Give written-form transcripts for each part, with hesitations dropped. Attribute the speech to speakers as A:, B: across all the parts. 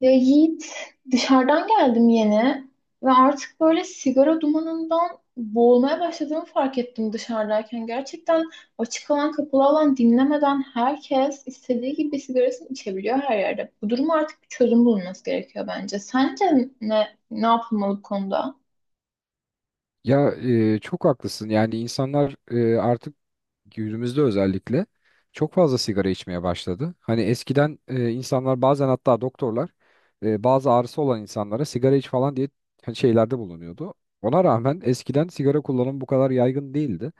A: Ya Yiğit, dışarıdan geldim yeni ve artık böyle sigara dumanından boğulmaya başladığımı fark ettim dışarıdayken. Gerçekten açık alan, kapalı alan dinlemeden herkes istediği gibi sigarasını içebiliyor her yerde. Bu duruma artık bir çözüm bulunması gerekiyor bence. Sence ne yapılmalı bu konuda?
B: Ya çok haklısın. Yani insanlar artık günümüzde özellikle çok fazla sigara içmeye başladı. Hani eskiden insanlar bazen hatta doktorlar bazı ağrısı olan insanlara sigara iç falan diye hani şeylerde bulunuyordu. Ona rağmen eskiden sigara kullanımı bu kadar yaygın değildi.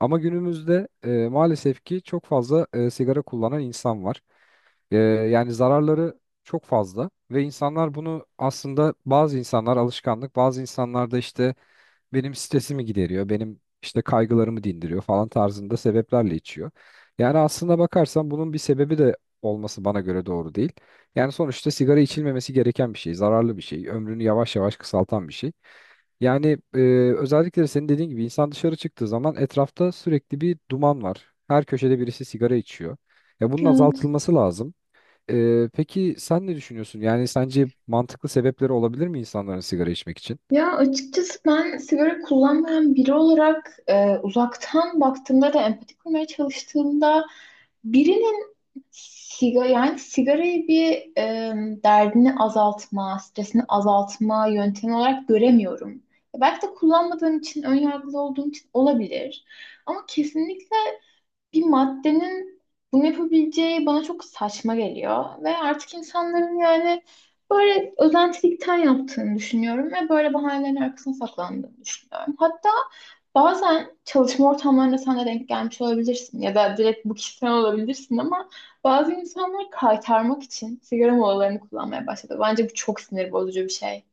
B: Ama günümüzde maalesef ki çok fazla sigara kullanan insan var. Yani zararları çok fazla ve insanlar bunu aslında bazı insanlar alışkanlık, bazı insanlar da işte benim stresimi gideriyor, benim işte kaygılarımı dindiriyor falan tarzında sebeplerle içiyor. Yani aslına bakarsan bunun bir sebebi de olması bana göre doğru değil. Yani sonuçta sigara içilmemesi gereken bir şey, zararlı bir şey, ömrünü yavaş yavaş kısaltan bir şey. Yani özellikle de senin dediğin gibi insan dışarı çıktığı zaman etrafta sürekli bir duman var. Her köşede birisi sigara içiyor. Ya bunun
A: Evet.
B: azaltılması lazım. Peki sen ne düşünüyorsun? Yani sence mantıklı sebepleri olabilir mi insanların sigara içmek için?
A: Ya açıkçası ben sigara kullanmayan biri olarak uzaktan baktığımda da empati kurmaya çalıştığımda birinin yani sigarayı bir e, derdini azaltma, stresini azaltma yöntemi olarak göremiyorum. Belki de kullanmadığım için, ön yargılı olduğum için olabilir. Ama kesinlikle bir maddenin bunu yapabileceği bana çok saçma geliyor. Ve artık insanların yani böyle özentilikten yaptığını düşünüyorum ve böyle bahanelerin arkasına saklandığını düşünüyorum. Hatta bazen çalışma ortamlarında sen de denk gelmiş olabilirsin ya da direkt bu kişisel olabilirsin ama bazı insanlar kaytarmak için sigara molalarını kullanmaya başladı. Bence bu çok sinir bozucu bir şey.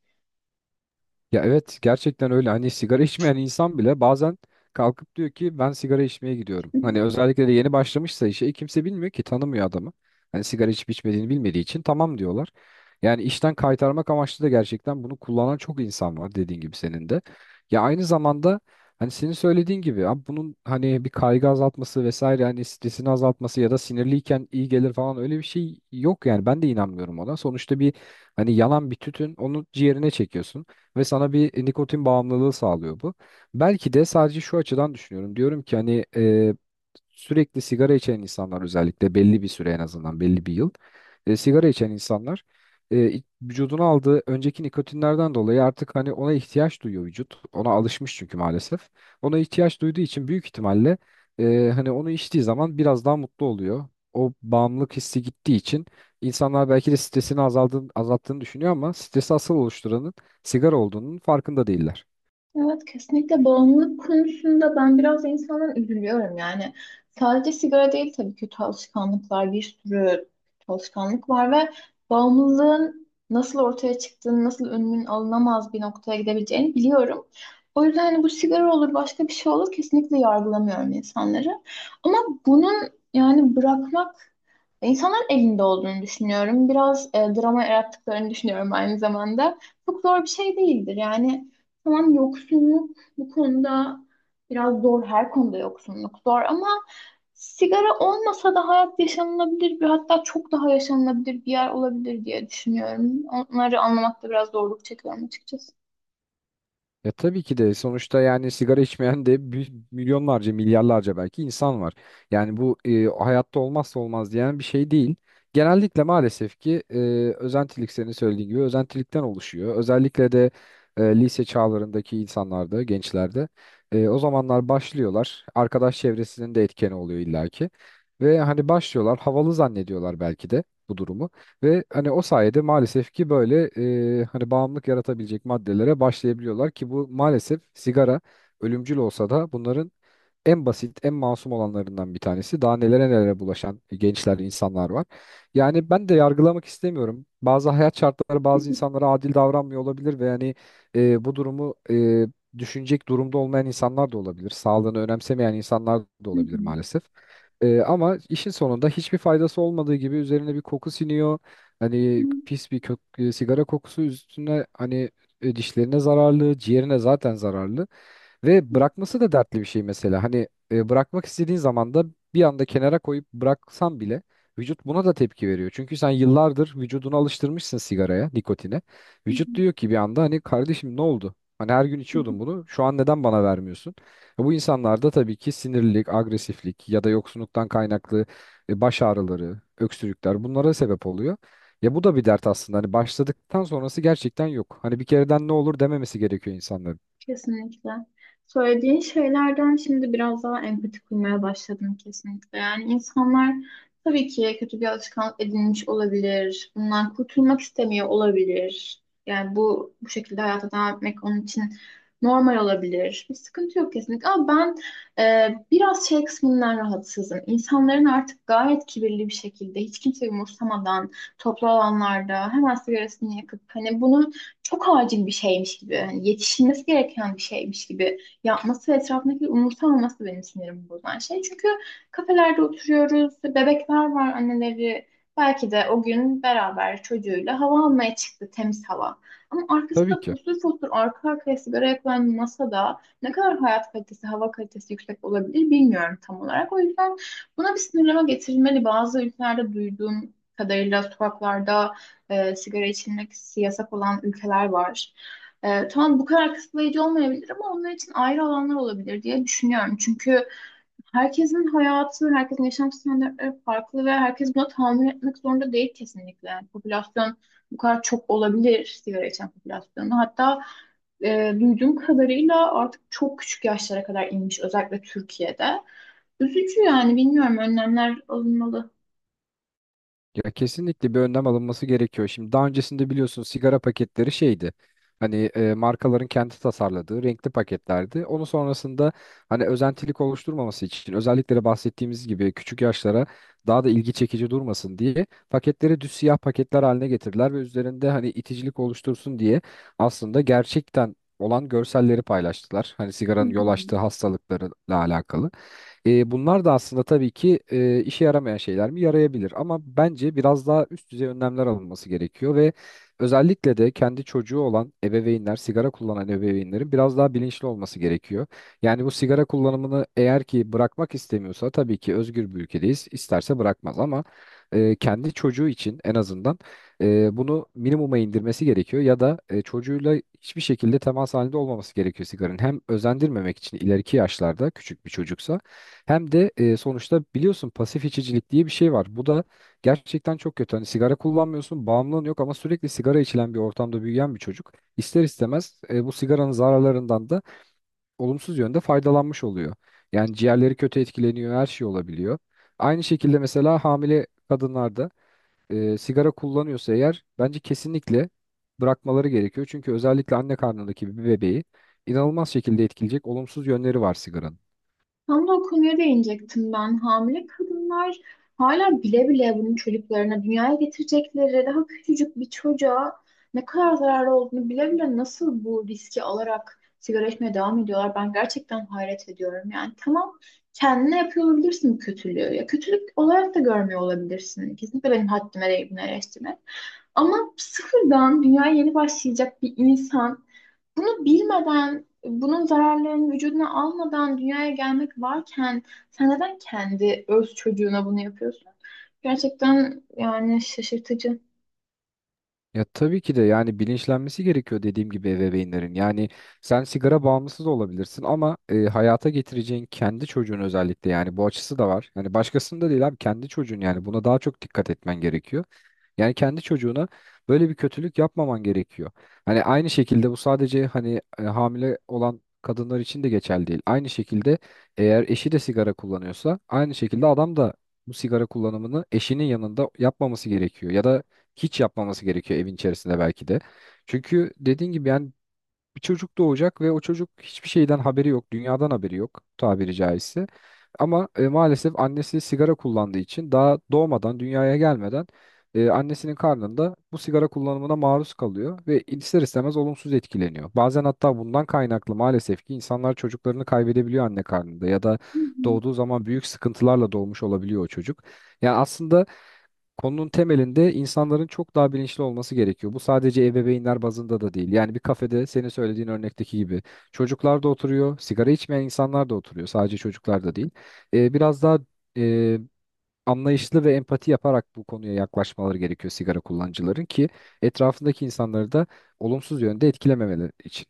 B: Ya evet gerçekten öyle hani sigara içmeyen insan bile bazen kalkıp diyor ki ben sigara içmeye gidiyorum. Hani özellikle de yeni başlamışsa işe kimse bilmiyor ki tanımıyor adamı. Hani sigara içip içmediğini bilmediği için tamam diyorlar. Yani işten kaytarmak amaçlı da gerçekten bunu kullanan çok insan var dediğin gibi senin de. Ya aynı zamanda hani senin söylediğin gibi abi bunun hani bir kaygı azaltması vesaire hani stresini azaltması ya da sinirliyken iyi gelir falan öyle bir şey yok yani ben de inanmıyorum ona. Sonuçta bir hani yanan bir tütün onu ciğerine çekiyorsun ve sana bir nikotin bağımlılığı sağlıyor bu. Belki de sadece şu açıdan düşünüyorum. Diyorum ki hani sürekli sigara içen insanlar özellikle belli bir süre en azından belli bir yıl sigara içen insanlar vücuduna aldığı önceki nikotinlerden dolayı artık hani ona ihtiyaç duyuyor vücut. Ona alışmış çünkü maalesef. Ona ihtiyaç duyduğu için büyük ihtimalle hani onu içtiği zaman biraz daha mutlu oluyor. O bağımlılık hissi gittiği için insanlar belki de stresini azaldığını, azalttığını düşünüyor ama stresi asıl oluşturanın sigara olduğunun farkında değiller.
A: Evet, kesinlikle bağımlılık konusunda ben biraz insandan üzülüyorum yani. Sadece sigara değil tabii, kötü alışkanlıklar, bir sürü kötü alışkanlık var ve bağımlılığın nasıl ortaya çıktığını, nasıl önünün alınamaz bir noktaya gidebileceğini biliyorum. O yüzden hani bu sigara olur, başka bir şey olur, kesinlikle yargılamıyorum insanları. Ama bunun, yani bırakmak insanların elinde olduğunu düşünüyorum. Biraz drama yarattıklarını düşünüyorum aynı zamanda. Çok zor bir şey değildir yani. Tamam, yoksunluk bu konuda biraz zor. Her konuda yoksunluk zor ama sigara olmasa da hayat yaşanılabilir bir, hatta çok daha yaşanılabilir bir yer olabilir diye düşünüyorum. Onları anlamakta biraz zorluk çekiyorum açıkçası.
B: Ya tabii ki de sonuçta yani sigara içmeyen de milyonlarca milyarlarca belki insan var. Yani bu hayatta olmazsa olmaz diyen bir şey değil. Genellikle maalesef ki özentilik senin söylediğin gibi özentilikten oluşuyor. Özellikle de lise çağlarındaki insanlarda, gençlerde o zamanlar başlıyorlar. Arkadaş çevresinin de etkeni oluyor illaki. Ve hani başlıyorlar havalı zannediyorlar belki de bu durumu. Ve hani o sayede maalesef ki böyle hani bağımlılık yaratabilecek maddelere başlayabiliyorlar ki bu maalesef sigara ölümcül olsa da bunların en basit, en masum olanlarından bir tanesi. Daha nelere nelere bulaşan gençler, insanlar var. Yani ben de yargılamak istemiyorum. Bazı hayat şartları bazı insanlara adil davranmıyor olabilir ve yani bu durumu düşünecek durumda olmayan insanlar da olabilir. Sağlığını önemsemeyen insanlar da
A: Hı
B: olabilir
A: hı.
B: maalesef. Ama işin sonunda hiçbir faydası olmadığı gibi üzerine bir koku siniyor.
A: Hı
B: Hani pis bir kök, sigara kokusu üstüne hani dişlerine zararlı, ciğerine zaten zararlı. Ve
A: hı.
B: bırakması da dertli bir şey mesela. Hani bırakmak istediğin zaman da bir anda kenara koyup bıraksan bile vücut buna da tepki veriyor. Çünkü sen yıllardır vücudunu alıştırmışsın sigaraya, nikotine.
A: Hı
B: Vücut diyor ki bir anda hani kardeşim ne oldu? Hani her gün
A: hı.
B: içiyordun bunu. Şu an neden bana vermiyorsun? Bu insanlarda tabii ki sinirlilik, agresiflik ya da yoksunluktan kaynaklı baş ağrıları, öksürükler bunlara sebep oluyor. Ya bu da bir dert aslında. Hani başladıktan sonrası gerçekten yok. Hani bir kereden ne olur dememesi gerekiyor insanların.
A: Kesinlikle. Söylediğin şeylerden şimdi biraz daha empati kurmaya başladım kesinlikle. Yani insanlar tabii ki kötü bir alışkanlık edinmiş olabilir. Bundan kurtulmak istemiyor olabilir. Yani bu şekilde hayata devam etmek onun için normal olabilir. Bir sıkıntı yok kesinlikle. Ama ben biraz şey kısmından rahatsızım. İnsanların artık gayet kibirli bir şekilde hiç kimseyi umursamadan toplu alanlarda hemen sigarasını yakıp hani bunu çok acil bir şeymiş gibi, hani yetişilmesi gereken bir şeymiş gibi yapması ve etrafındaki umursamaması benim sinirimi bozan şey. Çünkü kafelerde oturuyoruz, bebekler var, anneleri. Belki de o gün beraber çocuğuyla hava almaya çıktı, temiz hava. Ama
B: Tabii
A: arkasında
B: ki.
A: fosur fosur arka arkaya sigara yakılan masada ne kadar hayat kalitesi, hava kalitesi yüksek olabilir bilmiyorum tam olarak. O yüzden buna bir sınırlama getirilmeli. Bazı ülkelerde duyduğum kadarıyla sokaklarda sigara içilmek yasak olan ülkeler var. Tamam, bu kadar kısıtlayıcı olmayabilir ama onlar için ayrı alanlar olabilir diye düşünüyorum. Çünkü herkesin hayatı, herkesin yaşam standartları farklı ve herkes buna tahammül etmek zorunda değil kesinlikle. Yani popülasyon bu kadar çok olabilir, sigara içen popülasyonu. Hatta duyduğum kadarıyla artık çok küçük yaşlara kadar inmiş özellikle Türkiye'de. Üzücü yani, bilmiyorum, önlemler alınmalı.
B: Ya kesinlikle bir önlem alınması gerekiyor. Şimdi daha öncesinde biliyorsun sigara paketleri şeydi. Hani markaların kendi tasarladığı renkli paketlerdi. Onun sonrasında hani özentilik oluşturmaması için özellikle de bahsettiğimiz gibi küçük yaşlara daha da ilgi çekici durmasın diye paketleri düz siyah paketler haline getirdiler ve üzerinde hani iticilik oluştursun diye aslında gerçekten olan görselleri paylaştılar. Hani
A: Hı
B: sigaranın yol
A: hı.
B: açtığı hastalıklarla alakalı. Bunlar da aslında tabii ki işe yaramayan şeyler mi? Yarayabilir ama bence biraz daha üst düzey önlemler alınması gerekiyor ve özellikle de kendi çocuğu olan ebeveynler, sigara kullanan ebeveynlerin biraz daha bilinçli olması gerekiyor. Yani bu sigara kullanımını eğer ki bırakmak istemiyorsa tabii ki özgür bir ülkedeyiz, İsterse bırakmaz ama kendi çocuğu için en azından bunu minimuma indirmesi gerekiyor ya da çocuğuyla hiçbir şekilde temas halinde olmaması gerekiyor sigaranın. Hem özendirmemek için ileriki yaşlarda küçük bir çocuksa hem de sonuçta biliyorsun pasif içicilik diye bir şey var. Bu da gerçekten çok kötü. Hani sigara kullanmıyorsun, bağımlılığın yok ama sürekli sigara içilen bir ortamda büyüyen bir çocuk ister istemez bu sigaranın zararlarından da olumsuz yönde faydalanmış oluyor. Yani ciğerleri kötü etkileniyor, her şey olabiliyor. Aynı şekilde mesela hamile kadınlarda sigara kullanıyorsa eğer bence kesinlikle bırakmaları gerekiyor. Çünkü özellikle anne karnındaki bir bebeği inanılmaz şekilde etkileyecek olumsuz yönleri var sigaranın.
A: Tam da o konuya değinecektim ben. Hamile kadınlar hala bile bile bunun çocuklarına, dünyaya getirecekleri daha küçücük bir çocuğa ne kadar zararlı olduğunu bile bile nasıl bu riski alarak sigara içmeye devam ediyorlar. Ben gerçekten hayret ediyorum. Yani tamam, kendine yapıyor olabilirsin bu kötülüğü. Ya kötülük olarak da görmüyor olabilirsin. Kesinlikle benim haddime değil bunu eleştirmek. Ama sıfırdan dünyaya yeni başlayacak bir insan bunu bilmeden, bunun zararlarını vücuduna almadan dünyaya gelmek varken sen neden kendi öz çocuğuna bunu yapıyorsun? Gerçekten yani şaşırtıcı.
B: Ya tabii ki de yani bilinçlenmesi gerekiyor dediğim gibi ebeveynlerin. Yani sen sigara bağımlısı da olabilirsin ama hayata getireceğin kendi çocuğun özellikle yani bu açısı da var. Yani başkasının da değil abi kendi çocuğun yani buna daha çok dikkat etmen gerekiyor. Yani kendi çocuğuna böyle bir kötülük yapmaman gerekiyor. Hani aynı şekilde bu sadece hani hamile olan kadınlar için de geçerli değil. Aynı şekilde eğer eşi de sigara kullanıyorsa aynı şekilde adam da bu sigara kullanımını eşinin yanında yapmaması gerekiyor ya da hiç yapmaması gerekiyor evin içerisinde belki de. Çünkü dediğin gibi yani bir çocuk doğacak ve o çocuk hiçbir şeyden haberi yok, dünyadan haberi yok tabiri caizse. Ama maalesef annesi sigara kullandığı için daha doğmadan, dünyaya gelmeden annesinin karnında bu sigara kullanımına maruz kalıyor ve ister istemez olumsuz etkileniyor. Bazen hatta bundan kaynaklı maalesef ki insanlar çocuklarını kaybedebiliyor anne karnında ya da
A: Hı hı.
B: doğduğu zaman büyük sıkıntılarla doğmuş olabiliyor o çocuk. Yani aslında konunun temelinde insanların çok daha bilinçli olması gerekiyor. Bu sadece ebeveynler bazında da değil. Yani bir kafede senin söylediğin örnekteki gibi çocuklar da oturuyor, sigara içmeyen insanlar da oturuyor. Sadece çocuklar da değil. Biraz daha e, anlayışlı ve empati yaparak bu konuya yaklaşmaları gerekiyor sigara kullanıcıların ki etrafındaki insanları da olumsuz yönde etkilememeleri için.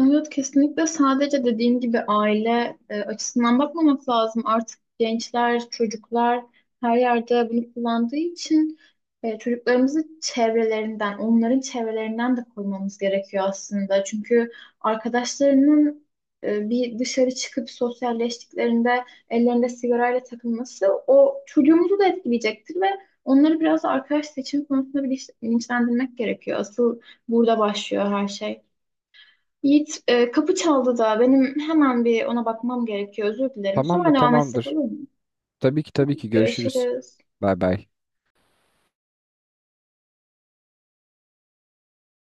A: Evet, kesinlikle sadece dediğin gibi aile açısından bakmamak lazım. Artık gençler, çocuklar her yerde bunu kullandığı için çocuklarımızı çevrelerinden, onların çevrelerinden de korumamız gerekiyor aslında. Çünkü arkadaşlarının bir dışarı çıkıp sosyalleştiklerinde ellerinde sigarayla takılması o çocuğumuzu da etkileyecektir ve onları biraz da arkadaş seçimi konusunda bilinçlendirmek gerekiyor. Asıl burada başlıyor her şey. Yiğit, kapı çaldı da benim hemen bir ona bakmam gerekiyor. Özür dilerim.
B: Tamamdır,
A: Sonra devam etsek
B: tamamdır.
A: olur mu?
B: Tabii ki tabii
A: Tamam,
B: ki görüşürüz.
A: görüşürüz.
B: Bay bay.